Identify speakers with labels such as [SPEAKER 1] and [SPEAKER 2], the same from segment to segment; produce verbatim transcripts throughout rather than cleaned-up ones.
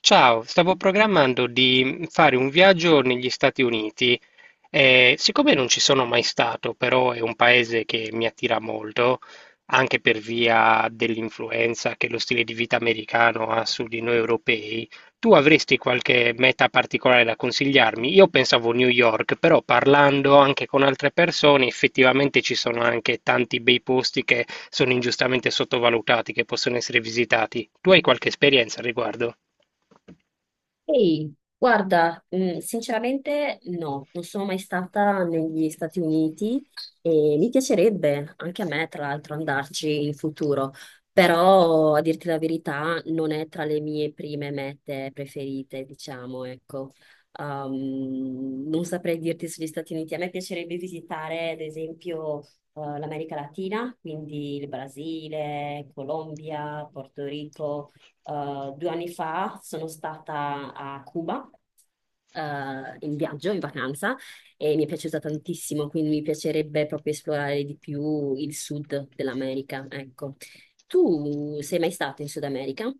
[SPEAKER 1] Ciao, stavo programmando di fare un viaggio negli Stati Uniti. Eh, siccome non ci sono mai stato, però è un paese che mi attira molto, anche per via dell'influenza che lo stile di vita americano ha su di noi europei, tu avresti qualche meta particolare da consigliarmi? Io pensavo New York, però parlando anche con altre persone, effettivamente ci sono anche tanti bei posti che sono ingiustamente sottovalutati, che possono essere visitati. Tu hai qualche esperienza al riguardo?
[SPEAKER 2] Ehi, guarda, mm, sinceramente no, non sono mai stata negli Stati Uniti e mi piacerebbe anche a me, tra l'altro, andarci in futuro, però a dirti la verità non è tra le mie prime mete preferite, diciamo, ecco. Um, non saprei dirti sugli Stati Uniti, a me piacerebbe visitare, ad esempio, eh, l'America Latina, quindi il Brasile, Colombia, Porto Rico eh, Due anni fa sono stata a Cuba eh, in viaggio, in vacanza, e mi è piaciuta tantissimo, quindi mi piacerebbe proprio esplorare di più il sud dell'America, ecco. Tu sei mai stato in Sud America?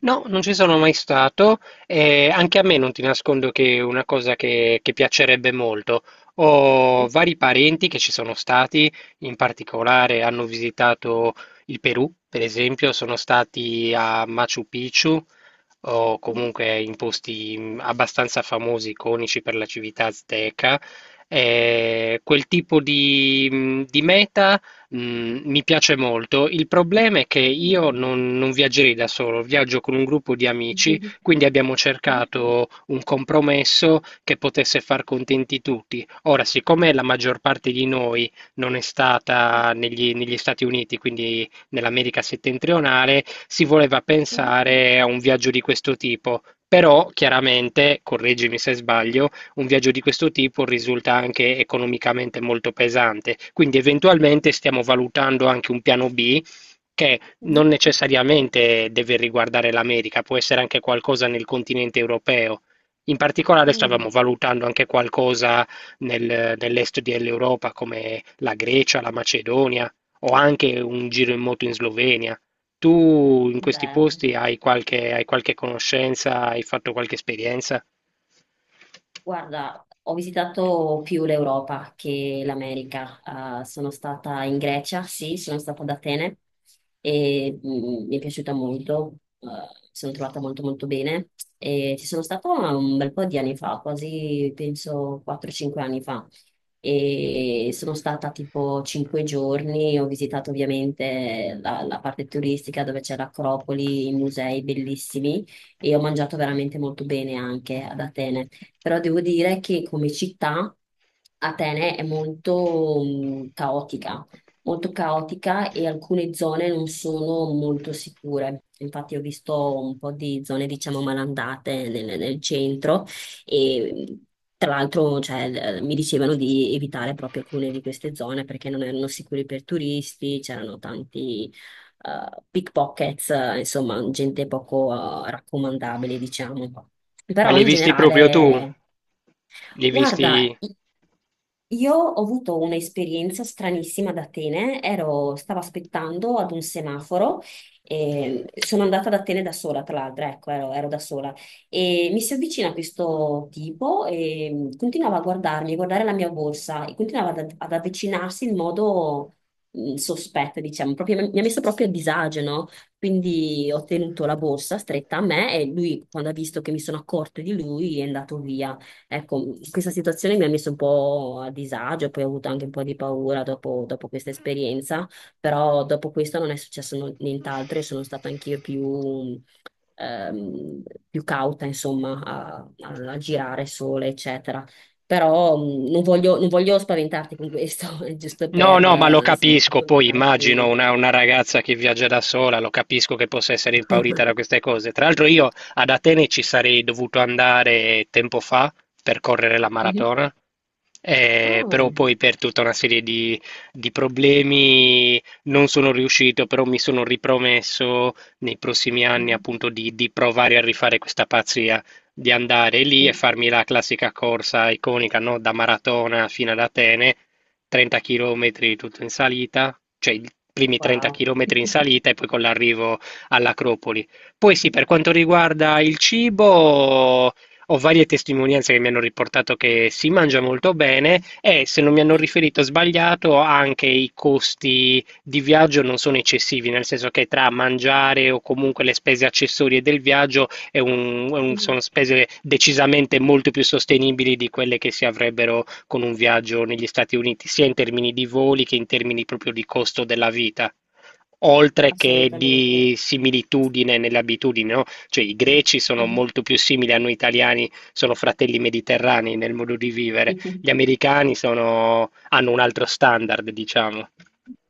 [SPEAKER 1] No, non ci sono mai stato e anche a me non ti nascondo che è una cosa che, che piacerebbe molto. Ho vari parenti che ci sono stati, in particolare hanno visitato il Perù, per esempio, sono stati a Machu Picchu o comunque in posti mh, abbastanza famosi, iconici per la civiltà azteca. E quel tipo di, mh, di meta Mhmm, mi piace molto. Il problema è che io non non viaggerei da solo, viaggio con un gruppo di amici, quindi abbiamo cercato un compromesso che potesse far contenti tutti. Ora, siccome la maggior parte di noi non è stata negli negli Stati Uniti, quindi nell'America settentrionale, si voleva pensare a un viaggio di questo tipo. Però chiaramente, correggimi se sbaglio, un viaggio di questo tipo risulta anche economicamente molto pesante. Quindi eventualmente stiamo valutando anche un piano B che non necessariamente deve riguardare l'America, può essere anche qualcosa nel continente europeo. In particolare stavamo valutando anche qualcosa nel- nell'est dell'Europa, come la Grecia, la Macedonia o anche un giro in moto in Slovenia. Tu in questi
[SPEAKER 2] Bello.
[SPEAKER 1] posti hai qualche, hai qualche conoscenza, hai fatto qualche esperienza?
[SPEAKER 2] Guarda, ho visitato più l'Europa che l'America. Ah, sono stata in Grecia, sì, sono stata ad Atene e mm, mm, mi è piaciuta molto, eh, mi sono trovata molto molto bene e ci sono stata un bel po' di anni fa, quasi penso quattro cinque anni fa e sono stata tipo cinque giorni, ho visitato ovviamente la, la parte turistica dove c'è l'Acropoli, i musei bellissimi e ho mangiato veramente molto bene anche ad Atene però devo dire che come città Atene è molto mh, caotica, molto caotica e alcune zone non sono molto sicure. Infatti ho visto un po' di zone, diciamo, malandate nel, nel centro e mh, tra l'altro, cioè, l- mi dicevano di evitare proprio alcune di queste zone perché non erano sicure per turisti, c'erano tanti eh, pickpockets, eh, insomma, gente poco eh, raccomandabile, diciamo.
[SPEAKER 1] Ma li
[SPEAKER 2] Però
[SPEAKER 1] hai
[SPEAKER 2] in
[SPEAKER 1] visti proprio tu?
[SPEAKER 2] generale,
[SPEAKER 1] Li hai visti...
[SPEAKER 2] guarda, i- io ho avuto un'esperienza stranissima ad Atene, ero- stavo aspettando ad un semaforo, e sono andata ad Atene da sola, tra l'altro, ecco, ero, ero da sola, e mi si avvicina questo tipo e continuava a guardarmi, a guardare la mia borsa e continuava ad, ad avvicinarsi in modo mh, sospetto, diciamo, proprio- mi ha messo proprio a disagio, no? Quindi ho tenuto la borsa stretta a me e lui, quando ha visto che mi sono accorta di lui, è andato via. Ecco, questa situazione mi ha messo un po' a disagio, poi ho avuto anche un po' di paura dopo, dopo questa esperienza, però dopo questo non è successo no- nient'altro e sono stata anch'io più, ehm, più cauta, insomma, a, a- a girare sola, eccetera. Però mh, non voglio, non voglio spaventarti con questo, è giusto
[SPEAKER 1] No,
[SPEAKER 2] per,
[SPEAKER 1] no, ma lo
[SPEAKER 2] eh, insomma,
[SPEAKER 1] capisco, poi immagino
[SPEAKER 2] raccontarti.
[SPEAKER 1] una, una ragazza che viaggia da sola, lo capisco che possa essere impaurita da queste cose. Tra l'altro io ad Atene ci sarei dovuto andare tempo fa per correre la
[SPEAKER 2] Mhm.
[SPEAKER 1] maratona, eh,
[SPEAKER 2] Ah,
[SPEAKER 1] però poi per tutta una serie di, di problemi non sono riuscito, però mi sono ripromesso nei prossimi anni
[SPEAKER 2] mhm.
[SPEAKER 1] appunto di, di provare a rifare questa pazzia, di andare lì e
[SPEAKER 2] Mhm.
[SPEAKER 1] farmi la classica corsa iconica, no? Da maratona fino ad Atene trenta chilometri tutto in salita, cioè i primi trenta
[SPEAKER 2] Wow,
[SPEAKER 1] chilometri in salita e poi con l'arrivo all'Acropoli. Poi sì, per quanto riguarda il cibo, ho varie testimonianze che mi hanno riportato che si mangia molto bene e se non mi hanno
[SPEAKER 2] sì.
[SPEAKER 1] riferito sbagliato, anche i costi di viaggio non sono eccessivi, nel senso che tra mangiare o comunque le spese accessorie del viaggio è un- è un-
[SPEAKER 2] Mhm.
[SPEAKER 1] sono spese decisamente molto più sostenibili di quelle che si avrebbero con un viaggio negli Stati Uniti, sia in termini di voli che in termini proprio di costo della vita, oltre che
[SPEAKER 2] Assolutamente.
[SPEAKER 1] di similitudine nelle abitudini, no? Cioè i greci sono
[SPEAKER 2] Mhm.
[SPEAKER 1] molto più simili a noi italiani, sono fratelli mediterranei nel modo di vivere,
[SPEAKER 2] Mhm.
[SPEAKER 1] gli americani sono- hanno un altro standard, diciamo.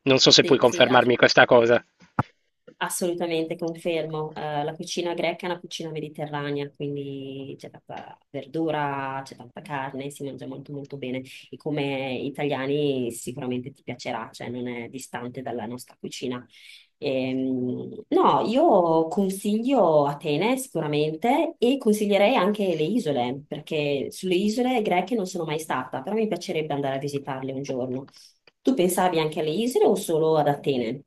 [SPEAKER 1] Non so se puoi
[SPEAKER 2] Sì, sì,
[SPEAKER 1] confermarmi
[SPEAKER 2] assolutamente.
[SPEAKER 1] questa cosa.
[SPEAKER 2] Assolutamente, confermo. Eh, la cucina greca è una cucina mediterranea, quindi c'è tanta verdura, c'è tanta carne, si mangia molto molto bene. E come italiani sicuramente ti piacerà, cioè non è distante dalla nostra cucina. Ehm, no, io consiglio Atene sicuramente e consiglierei anche le isole, perché sulle isole greche non sono mai stata, però mi piacerebbe andare a visitarle un giorno. Tu pensavi anche alle isole o solo ad Atene?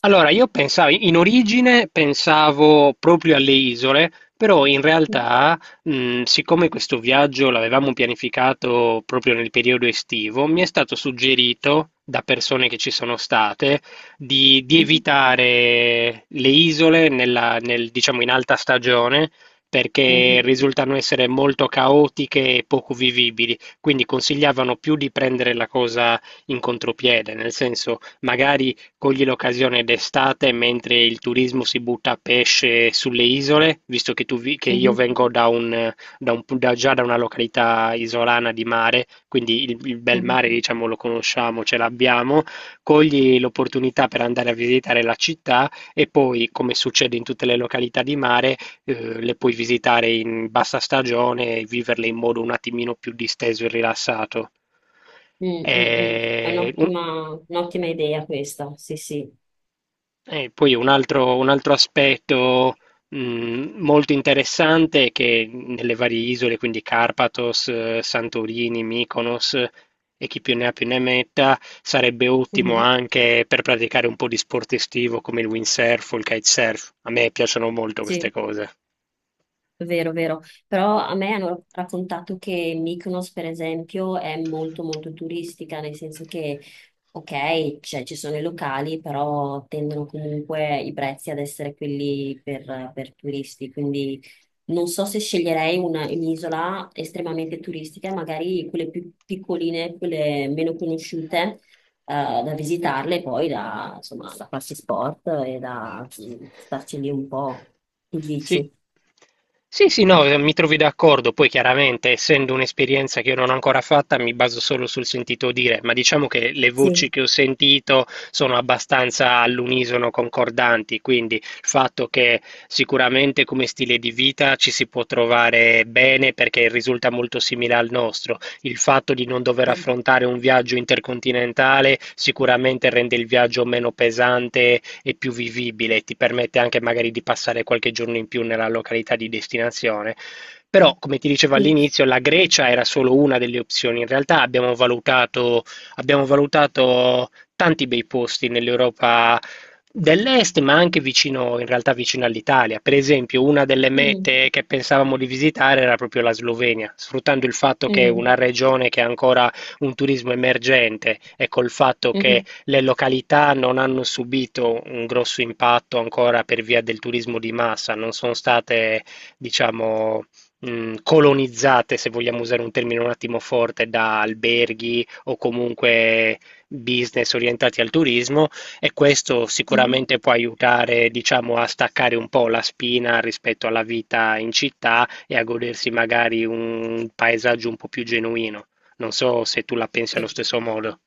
[SPEAKER 1] Allora, io pensavo, in origine pensavo proprio alle isole, però in
[SPEAKER 2] Mhm,
[SPEAKER 1] realtà, mh, siccome questo viaggio l'avevamo pianificato proprio nel periodo estivo, mi è stato suggerito da persone che ci sono state di, di
[SPEAKER 2] mhm.
[SPEAKER 1] evitare le isole nella- nel- diciamo in alta stagione perché
[SPEAKER 2] Mhm,
[SPEAKER 1] risultano essere molto caotiche e poco vivibili, quindi consigliavano più di prendere la cosa in contropiede, nel senso magari coglie l'occasione d'estate mentre il turismo si butta a pesce sulle isole, visto che, tu vi- che io
[SPEAKER 2] mhm,
[SPEAKER 1] vengo da un, da un- da- già da una località isolana di mare, quindi il, il bel
[SPEAKER 2] mhm,
[SPEAKER 1] mare, diciamo, lo conosciamo, ce l'abbiamo. Cogli l'opportunità per andare a visitare la città e poi, come succede in tutte le località di mare, eh, le puoi visitare in bassa stagione e viverle in modo un attimino più disteso e rilassato.
[SPEAKER 2] mm, mm, mm. È
[SPEAKER 1] Eh, un-
[SPEAKER 2] un'ottima un'ottima idea questa, sì, sì.
[SPEAKER 1] E poi un altro, un altro aspetto mh, molto interessante è che nelle varie isole, quindi Carpathos, eh, Santorini, Mykonos eh, e chi più ne ha più ne metta, sarebbe ottimo
[SPEAKER 2] Mhm,
[SPEAKER 1] anche per praticare un po' di sport estivo come il windsurf o il kitesurf. A me piacciono molto queste
[SPEAKER 2] sì.
[SPEAKER 1] cose.
[SPEAKER 2] Vero, vero. Però a me hanno raccontato che Mykonos, per esempio, è molto molto turistica, nel senso che, ok, cioè, ci sono i locali, però tendono comunque i prezzi ad essere quelli per, per turisti. Quindi non so se sceglierei una- un'isola estremamente turistica, magari quelle più piccoline, quelle meno conosciute, eh, da visitarle, poi da, insomma, da farsi sport e da mm, starci lì un po'. Che
[SPEAKER 1] Sì.
[SPEAKER 2] dici?
[SPEAKER 1] Sì, sì, no, eh, mi trovi d'accordo. Poi chiaramente, essendo un'esperienza che io non ho ancora fatta, mi baso solo sul sentito dire, ma diciamo che le voci
[SPEAKER 2] Sì.
[SPEAKER 1] che ho sentito sono abbastanza all'unisono concordanti, quindi il fatto che sicuramente come stile di vita ci si può trovare bene perché risulta molto simile al nostro. Il fatto di non dover
[SPEAKER 2] Sì.
[SPEAKER 1] affrontare un viaggio intercontinentale sicuramente rende il viaggio meno pesante è più vivibile, e ti permette anche magari di passare qualche giorno in più nella località di destinazione. Però, come ti dicevo
[SPEAKER 2] Sì.
[SPEAKER 1] all'inizio, la Grecia era solo una delle opzioni. In realtà abbiamo valutato, abbiamo valutato tanti bei posti nell'Europa dell'est, ma anche vicino, in realtà vicino all'Italia. Per esempio, una delle
[SPEAKER 2] Mm,
[SPEAKER 1] mete che pensavamo di visitare era proprio la Slovenia, sfruttando il fatto che è
[SPEAKER 2] mm,
[SPEAKER 1] una regione che ha ancora un turismo emergente e col fatto che
[SPEAKER 2] mhm,
[SPEAKER 1] le località non hanno subito un grosso impatto ancora per via del turismo di massa, non sono state, diciamo, mh, colonizzate, se vogliamo usare un termine un attimo forte, da alberghi o comunque business orientati al turismo e questo
[SPEAKER 2] mhm.
[SPEAKER 1] sicuramente può aiutare, diciamo, a staccare un po' la spina rispetto alla vita in città e a godersi magari un paesaggio un po' più genuino. Non so se tu la pensi
[SPEAKER 2] Sì.
[SPEAKER 1] allo stesso modo.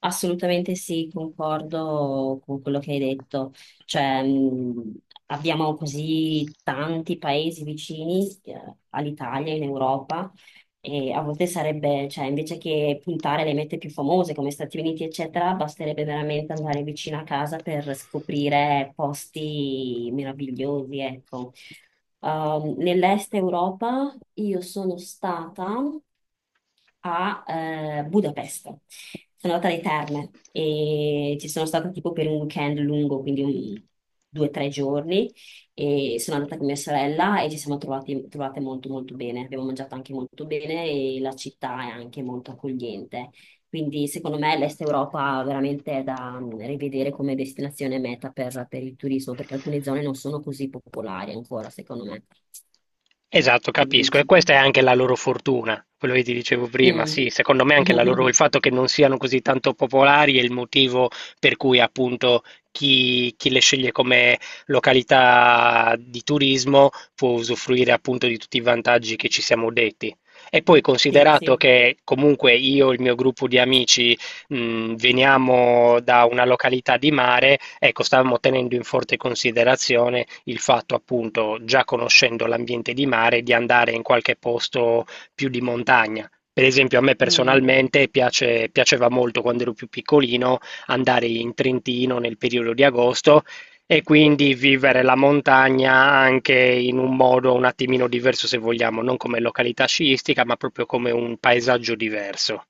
[SPEAKER 2] Assolutamente sì, concordo con quello che hai detto. Cioè, mh, abbiamo così tanti paesi vicini eh, all'Italia, in Europa, e a volte sarebbe, cioè, invece che puntare le mete più famose come Stati Uniti, eccetera, basterebbe veramente andare vicino a casa per scoprire posti meravigliosi, ecco. Um, nell'est Europa io sono stata a eh, Budapest. Sono andata alle terme e ci sono stata tipo per un weekend lungo, quindi un- due o tre giorni. E sono andata con mia sorella e ci siamo trovati- trovate molto molto bene. Abbiamo mangiato anche molto bene e la città è anche molto accogliente. Quindi secondo me l'Est Europa veramente è da mm, rivedere come destinazione meta per, per il turismo, perché alcune zone non sono così popolari ancora, secondo me.
[SPEAKER 1] Esatto,
[SPEAKER 2] Che
[SPEAKER 1] capisco. E
[SPEAKER 2] dici?
[SPEAKER 1] questa è anche la loro fortuna, quello che ti dicevo prima.
[SPEAKER 2] Mm.
[SPEAKER 1] Sì, secondo me anche la loro, il fatto che non siano così tanto popolari è il motivo per cui appunto chi, chi le sceglie come località di turismo può usufruire appunto di tutti i vantaggi che ci siamo detti. E poi
[SPEAKER 2] Sì,
[SPEAKER 1] considerato
[SPEAKER 2] sì.
[SPEAKER 1] che comunque io e il mio gruppo di amici mh, veniamo da una località di mare, ecco, stavamo tenendo in forte considerazione il fatto, appunto, già conoscendo l'ambiente di mare, di andare in qualche posto più di montagna. Per esempio, a me
[SPEAKER 2] Mm.
[SPEAKER 1] personalmente piace- piaceva molto quando ero più piccolino andare in Trentino nel periodo di agosto e quindi vivere la montagna anche in un modo un attimino diverso, se vogliamo, non come località sciistica, ma proprio come un paesaggio diverso.